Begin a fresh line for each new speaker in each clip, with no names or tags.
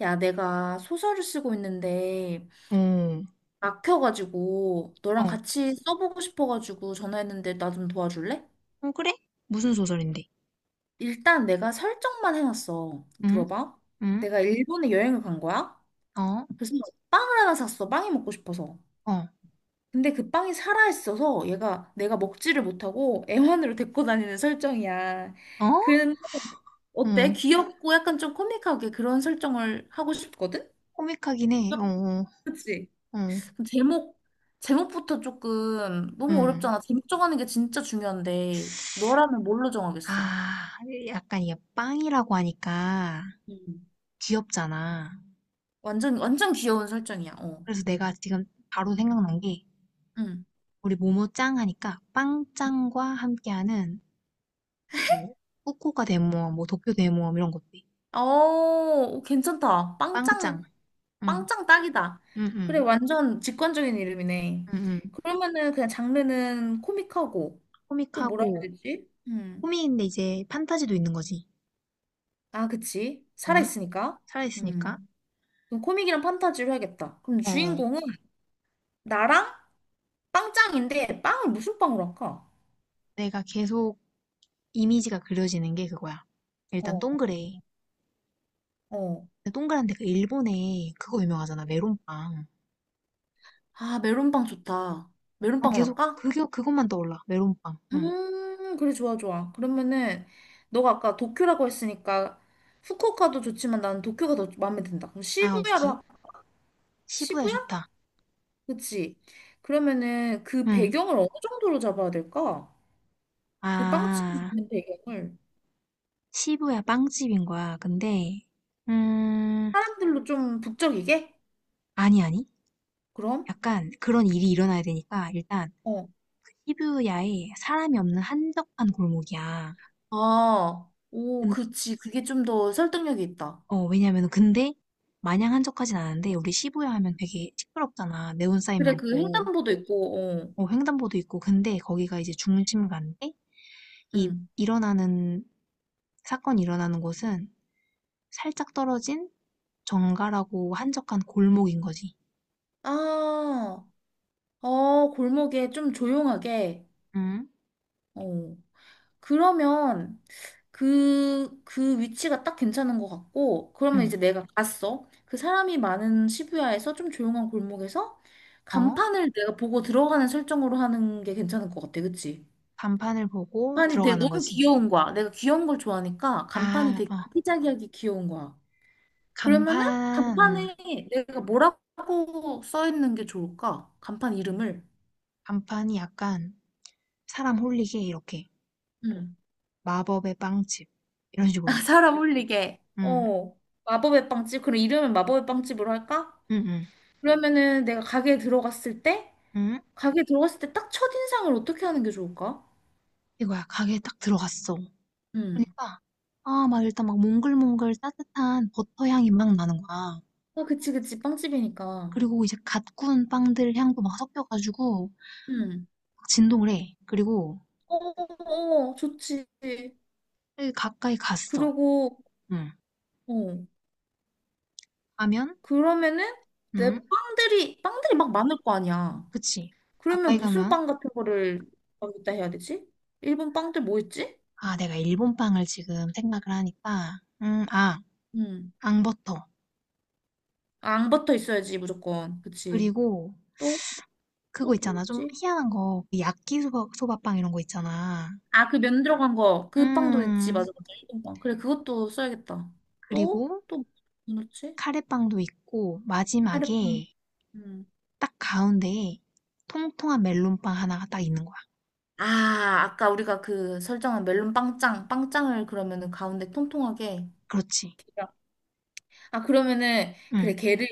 야, 내가 소설을 쓰고 있는데
어,
막혀가지고 너랑
어,
같이 써보고 싶어가지고 전화했는데 나 좀 도와줄래?
어, 그래? 무슨 소설인데?
일단 내가 설정만 해놨어.
응?
들어봐.
응?
내가 일본에 여행을 간 거야.
어?
그래서 빵을 하나 샀어. 빵이 먹고 싶어서.
어?
근데 그 빵이 살아있어서 얘가 내가 먹지를 못하고 애완으로 데리고 다니는 설정이야.
어?
근데
어.
어때? 귀엽고 약간 좀 코믹하게 그런 설정을 하고 싶거든?
코믹하긴 해. 어, 어,
그치?
어.
그 제목, 제목부터 조금 너무
응.
어렵잖아. 제목 정하는 게 진짜 중요한데, 너라면 뭘로 정하겠어?
아, 약간 이게 빵이라고 하니까
음.
귀엽잖아.
완전, 완전 귀여운 설정이야, 어.
그래서 내가 지금 바로 생각난 게
응.
우리 모모짱 하니까
응.
빵짱과 함께하는 뭐 후쿠오카 대모험, 뭐 도쿄 대모험 이런 것들.
어, 괜찮다.
빵짱.
빵짱,
응,
빵짱 딱이다.
응,
그래,
응,
완전 직관적인 이름이네.
응, 응.
그러면은 그냥 장르는 코믹하고, 또 뭐라 해야
코믹하고
되지?
코믹인데 이제 판타지도 있는 거지.
아, 그치.
응?
살아있으니까.
살아있으니까.
음. 그럼 코믹이랑 판타지로 해야겠다. 그럼
어,
주인공은 나랑 빵짱인데 빵을 무슨 빵으로 할까?
내가 계속 이미지가 그려지는 게 그거야. 일단
어.
동그래.
어.
근데 동그란데 그 일본에 그거 유명하잖아, 메론빵.
아, 메론빵 좋다.
난
메론빵으로
계속
할까?
그게 그것만 떠올라, 메론빵. 응.
그래, 좋아, 좋아. 그러면은, 너가 아까 도쿄라고 했으니까, 후쿠오카도 좋지만 나는 도쿄가 더 마음에 든다. 그럼 시부야로
아오키,
할까?
시부야
시부야?
좋다.
그치? 그러면은 그
응.
배경을 어느 정도로 잡아야 될까? 그 빵집
아,
있는 배경을
시부야 빵집인 거야. 근데 음,
사람들로 좀 북적이게?
아니 아니.
그럼?
약간 그런 일이 일어나야 되니까 일단
어.
시부야에 사람이 없는 한적한 골목이야.
아, 오,
음,
그치. 그게 좀 더 설득력이 있다.
어, 왜냐면은 근데 마냥 한적하진 않은데 우리 시부야 하면 되게 시끄럽잖아. 네온사인
그래, 그
많고
횡단보도 있고, 어.
어, 횡단보도 있고 근데 거기가 이제 중심가인데 이
응.
일어나는 사건이 일어나는 곳은 살짝 떨어진 정갈하고 한적한 골목인 거지.
아, 어, 골목에 좀 조용하게.
응?
어. 그러면 그, 그 위치가 딱 괜찮은 것 같고, 그러면
응.
이제 내가 갔어. 그 사람이 많은 시부야에서 좀 조용한 골목에서
어?
간판을 내가 보고 들어가는 설정으로 하는 게 괜찮을 것 같아. 그치?
간판을 보고
간판이 되게
들어가는
너무
거지.
귀여운 거야. 내가 귀여운 걸 좋아하니까 간판이
아,
되게
어.
아기자기하게 귀여운 거야. 그러면은
간판,
간판에 내가 뭐라고 써 있는 게 좋을까? 간판 이름을.
간판이 약간 사람 홀리게 이렇게
응.
마법의 빵집 이런 식으로.
사람 올리게.
응,
어. 마법의 빵집. 그럼 이름을 마법의 빵집으로 할까?
응, 응.
그러면은 내가 가게에 들어갔을 때,
응?
가게에 들어갔을 때 딱 첫인상을 어떻게 하는 게 좋을까?
이거야. 가게에 딱 들어갔어.
응.
그러니까 아 막 일단 막 몽글몽글 따뜻한 버터 향이 막 나는 거야.
아, 그치, 그치. 빵집이니까.
그리고 이제 갓 구운 빵들 향도 막 섞여 가지고
응.
막 진동을 해. 그리고
어, 어, 어, 어. 좋지.
가까이 갔어.
그리고,
응.
어.
가면
그러면은 내
응.
빵들이, 빵들이 막 많을 거 아니야.
그치.
그러면
가까이
무슨
가면
빵 같은 거를 어기다 해야 되지? 일본 빵들 뭐 있지?
아 내가 일본 빵을 지금 생각을 하니까 아
음.
앙버터
아, 앙버터 있어야지, 무조건. 그치.
그리고
또, 또
그거
뭐
있잖아. 좀
있지?
희한한 거. 그 야끼소바 소바 빵 이런 거 있잖아.
아, 그 면 들어간 거. 그 빵도 있지.
음.
맞아, 맞아. 일본 빵. 그래, 그것도 써야겠다. 또,
그리고
또, 뭐 넣지?
카레빵도 있고
카레빵.
마지막에
음.
딱 가운데에 통통한 멜론빵 하나가 딱 있는 거야.
아, 아까 우리가 그 설정한 멜론 빵짱. 빵짱을 그러면은 가운데 통통하게.
그렇지.
아, 그러면은, 그래,
응.
걔를,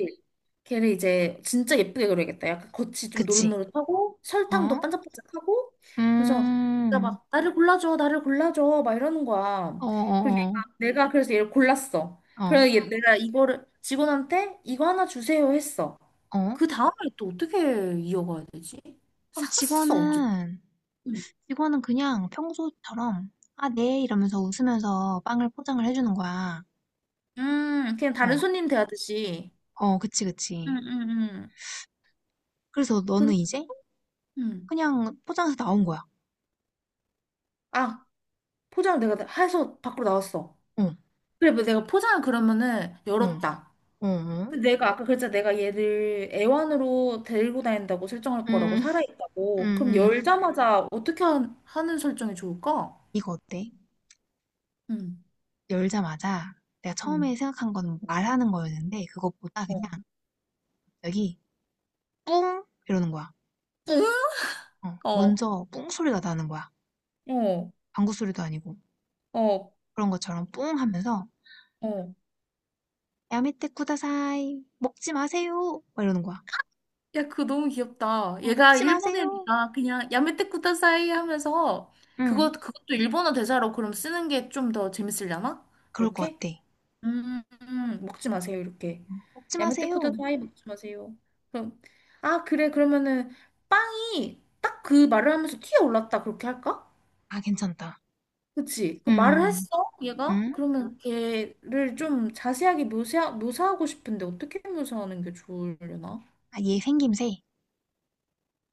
걔를 이제 진짜 예쁘게 그려야겠다. 약간 겉이 좀
그치.
노릇노릇하고,
어?
설탕도 반짝반짝하고, 그래서, 진짜
음.
막, 나를 골라줘, 나를 골라줘, 막 이러는
어,
거야. 그리고 얘가,
어,
내가 그래서 얘를 골랐어.
어. 어.
그래서 얘, 내가 이거를 직원한테 이거 하나 주세요 했어.
어?
그 다음에 또 어떻게 이어가야 되지?
그럼
샀어, 어쨌든.
직원은
음,
직원은 그냥 평소처럼 아, 네 이러면서 웃으면서 빵을 포장을 해주는 거야.
그냥 다른
어.
손님 대하듯이.
어, 그치,
음,
그치.
음, 음.
그래서 너는
그,
이제
음.
그냥 포장해서 나온 거야.
아, 포장을 내가 다 해서 밖으로 나왔어.
어,
그래, 뭐 내가 포장을 그러면은
어,
열었다.
어, 어.
근데 내가 아까 그랬잖아. 내가 얘를 애완으로 데리고 다닌다고 설정할 거라고,
음, 음,
살아있다고. 그럼
음.
열자마자 어떻게 하는 설정이 좋을까?
이거 어때?
응,
열자마자 내가
응,
처음에 생각한 건 말하는 거였는데 그것보다 그냥
어.
여기 뿡 이러는 거야. 어,
어,
먼저 뿡 소리가 나는 거야.
어,
방구 소리도 아니고
어,
그런 것처럼 뿡 하면서
어.
야메테 쿠다사이 먹지 마세요 막 이러는 거야.
야, 그거 너무 귀엽다.
어,
얘가
먹지 마세요.
일본애니까 그냥 야메테쿠타 사이 하면서
응,
그거, 그것도 일본어 대사로 그럼 쓰는 게 좀 더 재밌으려나?
그럴 것
그렇게?
같아.
먹지 마세요, 이렇게.
먹지
야메테쿠다
마세요.
사이 먹지 마세요. 그럼, 아, 그래, 그러면은, 빵이 딱 그 말을 하면서 튀어올랐다, 그렇게 할까?
아, 괜찮다.
그치? 그
음,
말을
음,
했어, 얘가?
음.
그러면 걔를 좀 자세하게 묘사, 묘사하고 싶은데, 어떻게 묘사하는 게 좋으려나?
아, 얘 생김새.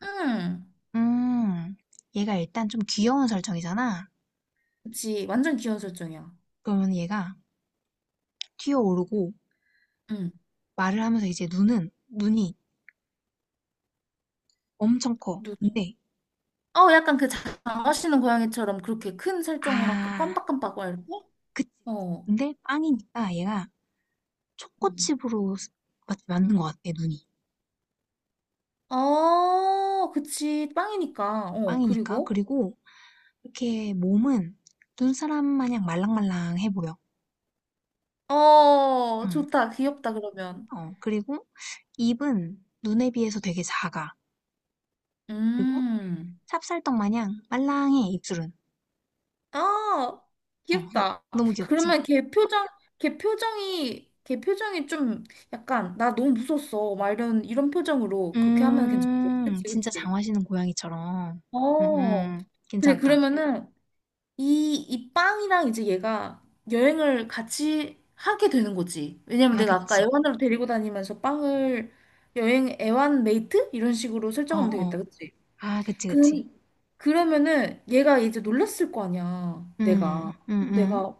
음,
음, 얘가 일단 좀 귀여운 설정이잖아.
그치. 완전 귀여운 설정이야.
그러면 얘가 튀어오르고
음.
말을 하면서 이제 눈이 엄청 커.
누,
근데
어, 약간 그 장화시는 고양이처럼 그렇게 큰 설정으로 아까
아
깜빡깜빡 이렇게?
그치,
어.
근데 빵이니까 얘가
어.
초코칩으로 스- 맞는 것 같아 눈이.
어, 그치. 빵이니까. 어,
빵이니까
그리고?
그리고 이렇게 몸은 눈사람 마냥 말랑말랑해 보여.
어,
음.
좋다. 귀엽다, 그러면.
어 그리고 입은 눈에 비해서 되게 작아. 그리고
음.
찹쌀떡 마냥 말랑해 입술은.
아,
어
귀엽다.
너무 귀엽지?
그러면 걔 표정, 걔 표정이, 걔 표정이 좀 약간, 나 너무 무서웠어. 막 이런, 이런 표정으로 그렇게 하면 괜찮아. 그치,
진짜 장
그치.
화시는 고양이처럼.
어. 그래,
괜찮다.
그러면은 이, 이 빵이랑 이제 얘가 여행을 같이 하게 되는 거지. 왜냐면
아
내가 아까
그치.
애완으로 데리고 다니면서 빵을 여행 애완 메이트? 이런 식으로
어
설정하면
어.
되겠다, 그치?
아 그치
그,
그치.
그러면은 얘가 이제 놀랐을 거 아니야,
음.
내가.
음음. 음.
내가,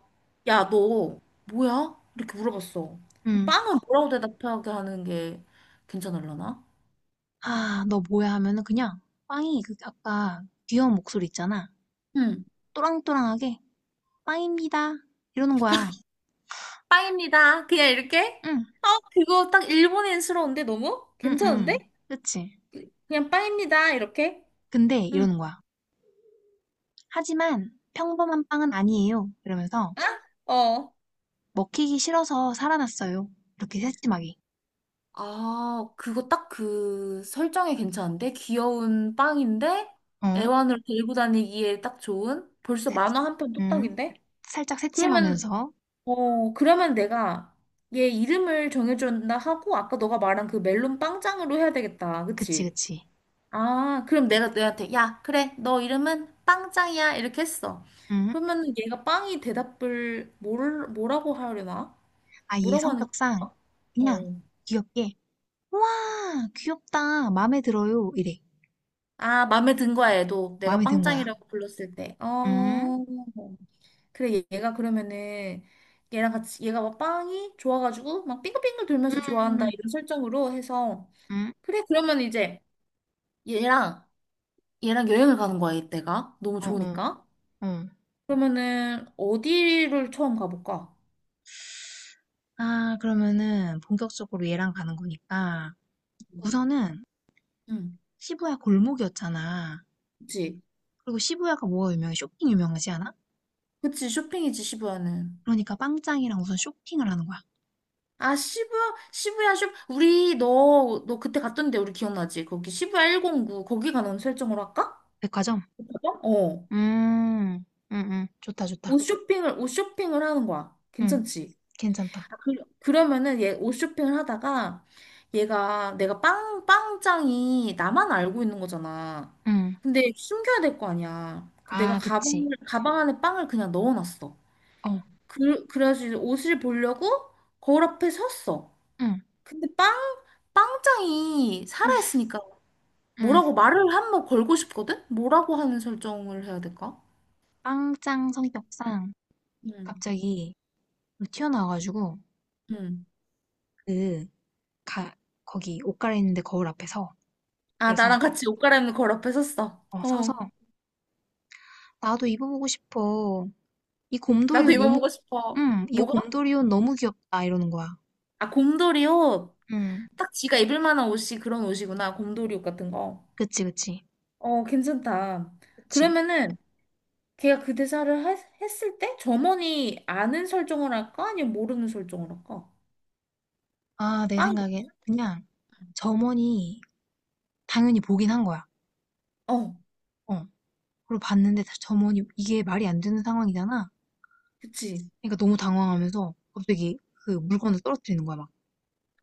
야, 너 뭐야? 이렇게 물어봤어.
음.
빵은 뭐라고 대답하게 하는 게 괜찮을라나?
"아 너 뭐야?" 하면은 그냥 빵이 그 아까 귀여운 목소리 있잖아.
응,
또랑또랑하게 "빵입니다." 이러는 거야.
빵입니다. 그냥 이렇게?
응.
아, 그거 딱 일본인스러운데 너무?
응
괜찮은데?
응 그치.
그냥 빵입니다. 이렇게?
근데
응.
이러는 거야. "하지만 평범한 빵은 아니에요." 이러면서
어,
"먹히기 싫어서 살아났어요." 이렇게 새침하게.
아, 그거 딱 그 설정이 괜찮은데? 귀여운 빵인데
어?
애완으로 데리고 다니기에 딱 좋은? 벌써
새침
만화 한 편
음.
뚝딱인데?
살짝
그러면,
새침하면서.
어, 그러면 내가 얘 이름을 정해준다 하고, 아까 너가 말한 그 멜론 빵짱으로 해야 되겠다.
그치,
그치?
그치.
아, 그럼 내가 너한테 야, 그래. 너 이름은 빵짱이야. 이렇게 했어.
응
그러면 얘가 빵이 대답을 뭘, 뭐라고 하려나?
아얘
뭐라고 하는
성격상
거야?
그냥
어.
귀엽게 와, 귀엽다. 마음에 들어요. 이래.
아, 마음에 든 거야, 얘도. 내가
마음에 든 거야.
빵짱이라고 불렀을 때.
응?
어. 그래, 얘가 그러면은, 얘랑 같이, 얘가 막 빵이 좋아가지고, 막 빙글빙글 돌면서 좋아한다,
음,
이런 설정으로 해서.
응?
그래, 그러면 이제, 얘랑, 얘랑 여행을 가는 거야, 이때가. 너무
어, 어,
좋으니까.
어.
그러면은, 어디를 처음 가볼까?
아, 그러면은 본격적으로 얘랑 가는 거니까. 우선은
응,
시부야 골목이었잖아.
그치.
그리고 시부야가 뭐가 유명해? 쇼핑 유명하지 않아?
그치, 쇼핑이지, 시부야는.
그러니까 빵짱이랑 우선 쇼핑을 하는 거야.
아, 시부야, 시부야 쇼. 우리 너, 너 그때 갔던데 우리 기억나지? 거기 시부야 109 거기 가는 설정으로 할까?
백화점?
맞아? 어.
음, 응, 응, 좋다, 좋다.
옷 쇼핑을, 옷 쇼핑을 하는 거야.
응,
괜찮지?
괜찮다.
아, 그, 그러면은 얘 옷 쇼핑을 하다가 얘가 내가 빵, 빵장이 나만 알고 있는 거잖아.
응,
근데 숨겨야 될 거 아니야. 그 내가
아,
가방을,
그치.
가방 안에 빵을 그냥 넣어놨어.
어.
그, 그래가지고 이제 옷을 보려고 거울 앞에 섰어.
응,
근데 빵, 빵장이 살아있으니까
응.
뭐라고 말을 한번 걸고 싶거든? 뭐라고 하는 설정을 해야 될까?
빵짱 성격상
응,
갑자기 튀어나와 가지고
응.
그 가, 거기 옷 갈아입는데 거울 앞에서
아,
그래서
나랑 같이 옷 갈아입는 걸 앞에 섰어.
어, 서서
어,
나도 입어보고 싶어. 이 곰돌이
나도
옷 너무
입어보고 싶어.
응, 이
뭐가?
곰돌이 옷 너무 귀엽다 이러는 거야.
아, 곰돌이 옷.
응,
딱 지가 입을 만한 옷이 그런 옷이구나. 곰돌이 옷 같은 거.
그치 그치
어, 괜찮다.
그치.
그러면은 걔가 그 대사를 했, 했을 때 점원이 아는 설정을 할까? 아니면 모르는 설정을 할까?
아, 내
빵.
생각엔 그냥 점원이 당연히 보긴 한 거야.
어,
어, 그리고 봤는데 점원이 이게 말이 안 되는 상황이잖아.
그치.
그러니까 너무 당황하면서 갑자기 그 물건을 떨어뜨리는 거야 막.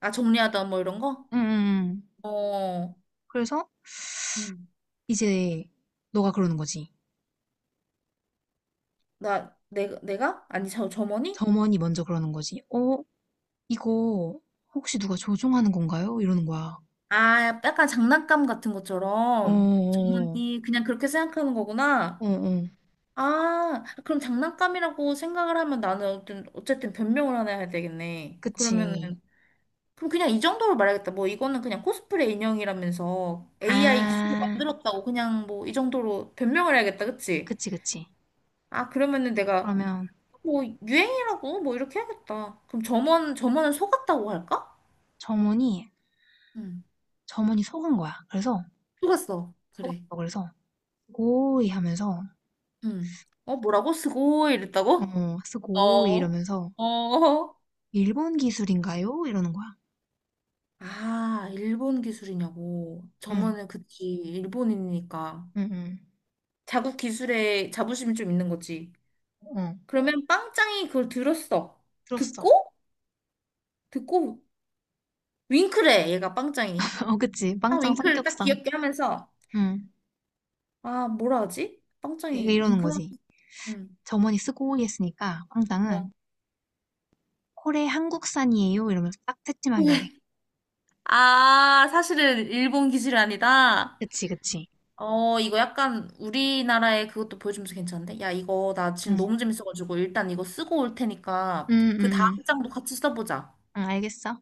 아, 정리하다 뭐 이런 거?
응, 응, 응.
어.
그래서
응.
이제 너가 그러는 거지.
나, 내가, 내가? 아니, 저, 점원이?
점원이 먼저 그러는 거지. "어 이거 혹시 누가 조종하는 건가요?" 이러는 거야.
아, 약간 장난감 같은 것처럼.
어어어.
점원이 그냥 그렇게 생각하는 거구나.
어어.
아, 그럼 장난감이라고 생각을 하면 나는 어쨌든, 어쨌든 변명을 하나 해야 되겠네.
그치.
그러면은, 그럼 그냥 이 정도로 말하겠다. 뭐, 이거는 그냥 코스프레 인형이라면서 AI 기술로
아.
만들었다고 그냥 뭐, 이 정도로 변명을 해야겠다. 그치?
그치, 그치.
아, 그러면은 내가
그러면
뭐, 유행이라고 뭐, 이렇게 해야겠다. 그럼 점원, 점원은 속았다고 할까?
점원이
응.
점원이 속은 거야. 그래서
속았어. 그래.
속았어. 그래서 고이 하면서
응. 어, 뭐라고? 스고 이랬다고?
어 쓰고이
어,
이러면서
어,
"일본 기술인가요?" 이러는 거야.
아, 일본 기술이냐고.
응.
저만은 그치, 일본인이니까.
응, 응,
자국 기술에 자부심이 좀 있는 거지.
어.
그러면 빵짱이 그걸 들었어.
들었어.
듣고, 듣고, 윙크래, 얘가 빵짱이.
어 그치.
딱
빵짱
윙크를 딱
성격상.
귀엽게 하면서,
응.
아, 뭐라 하지?
이
빵짱이
러는
윙크라?
거지.
응,
점원이 쓰고이 했으니까
뭐.
빵짱은 코레 한국산이에요? 이러면서 딱 새침하게 말해.
아, 사실은 일본 기술이 아니다.
그치, 그치.
어, 이거 약간 우리나라의 그것도 보여주면서 괜찮은데? 야, 이거 나 지금 너무
응.
재밌어가지고 일단 이거 쓰고 올
응,
테니까
응,
그
응.
다음 장도 같이 써보자.
응, 알겠어.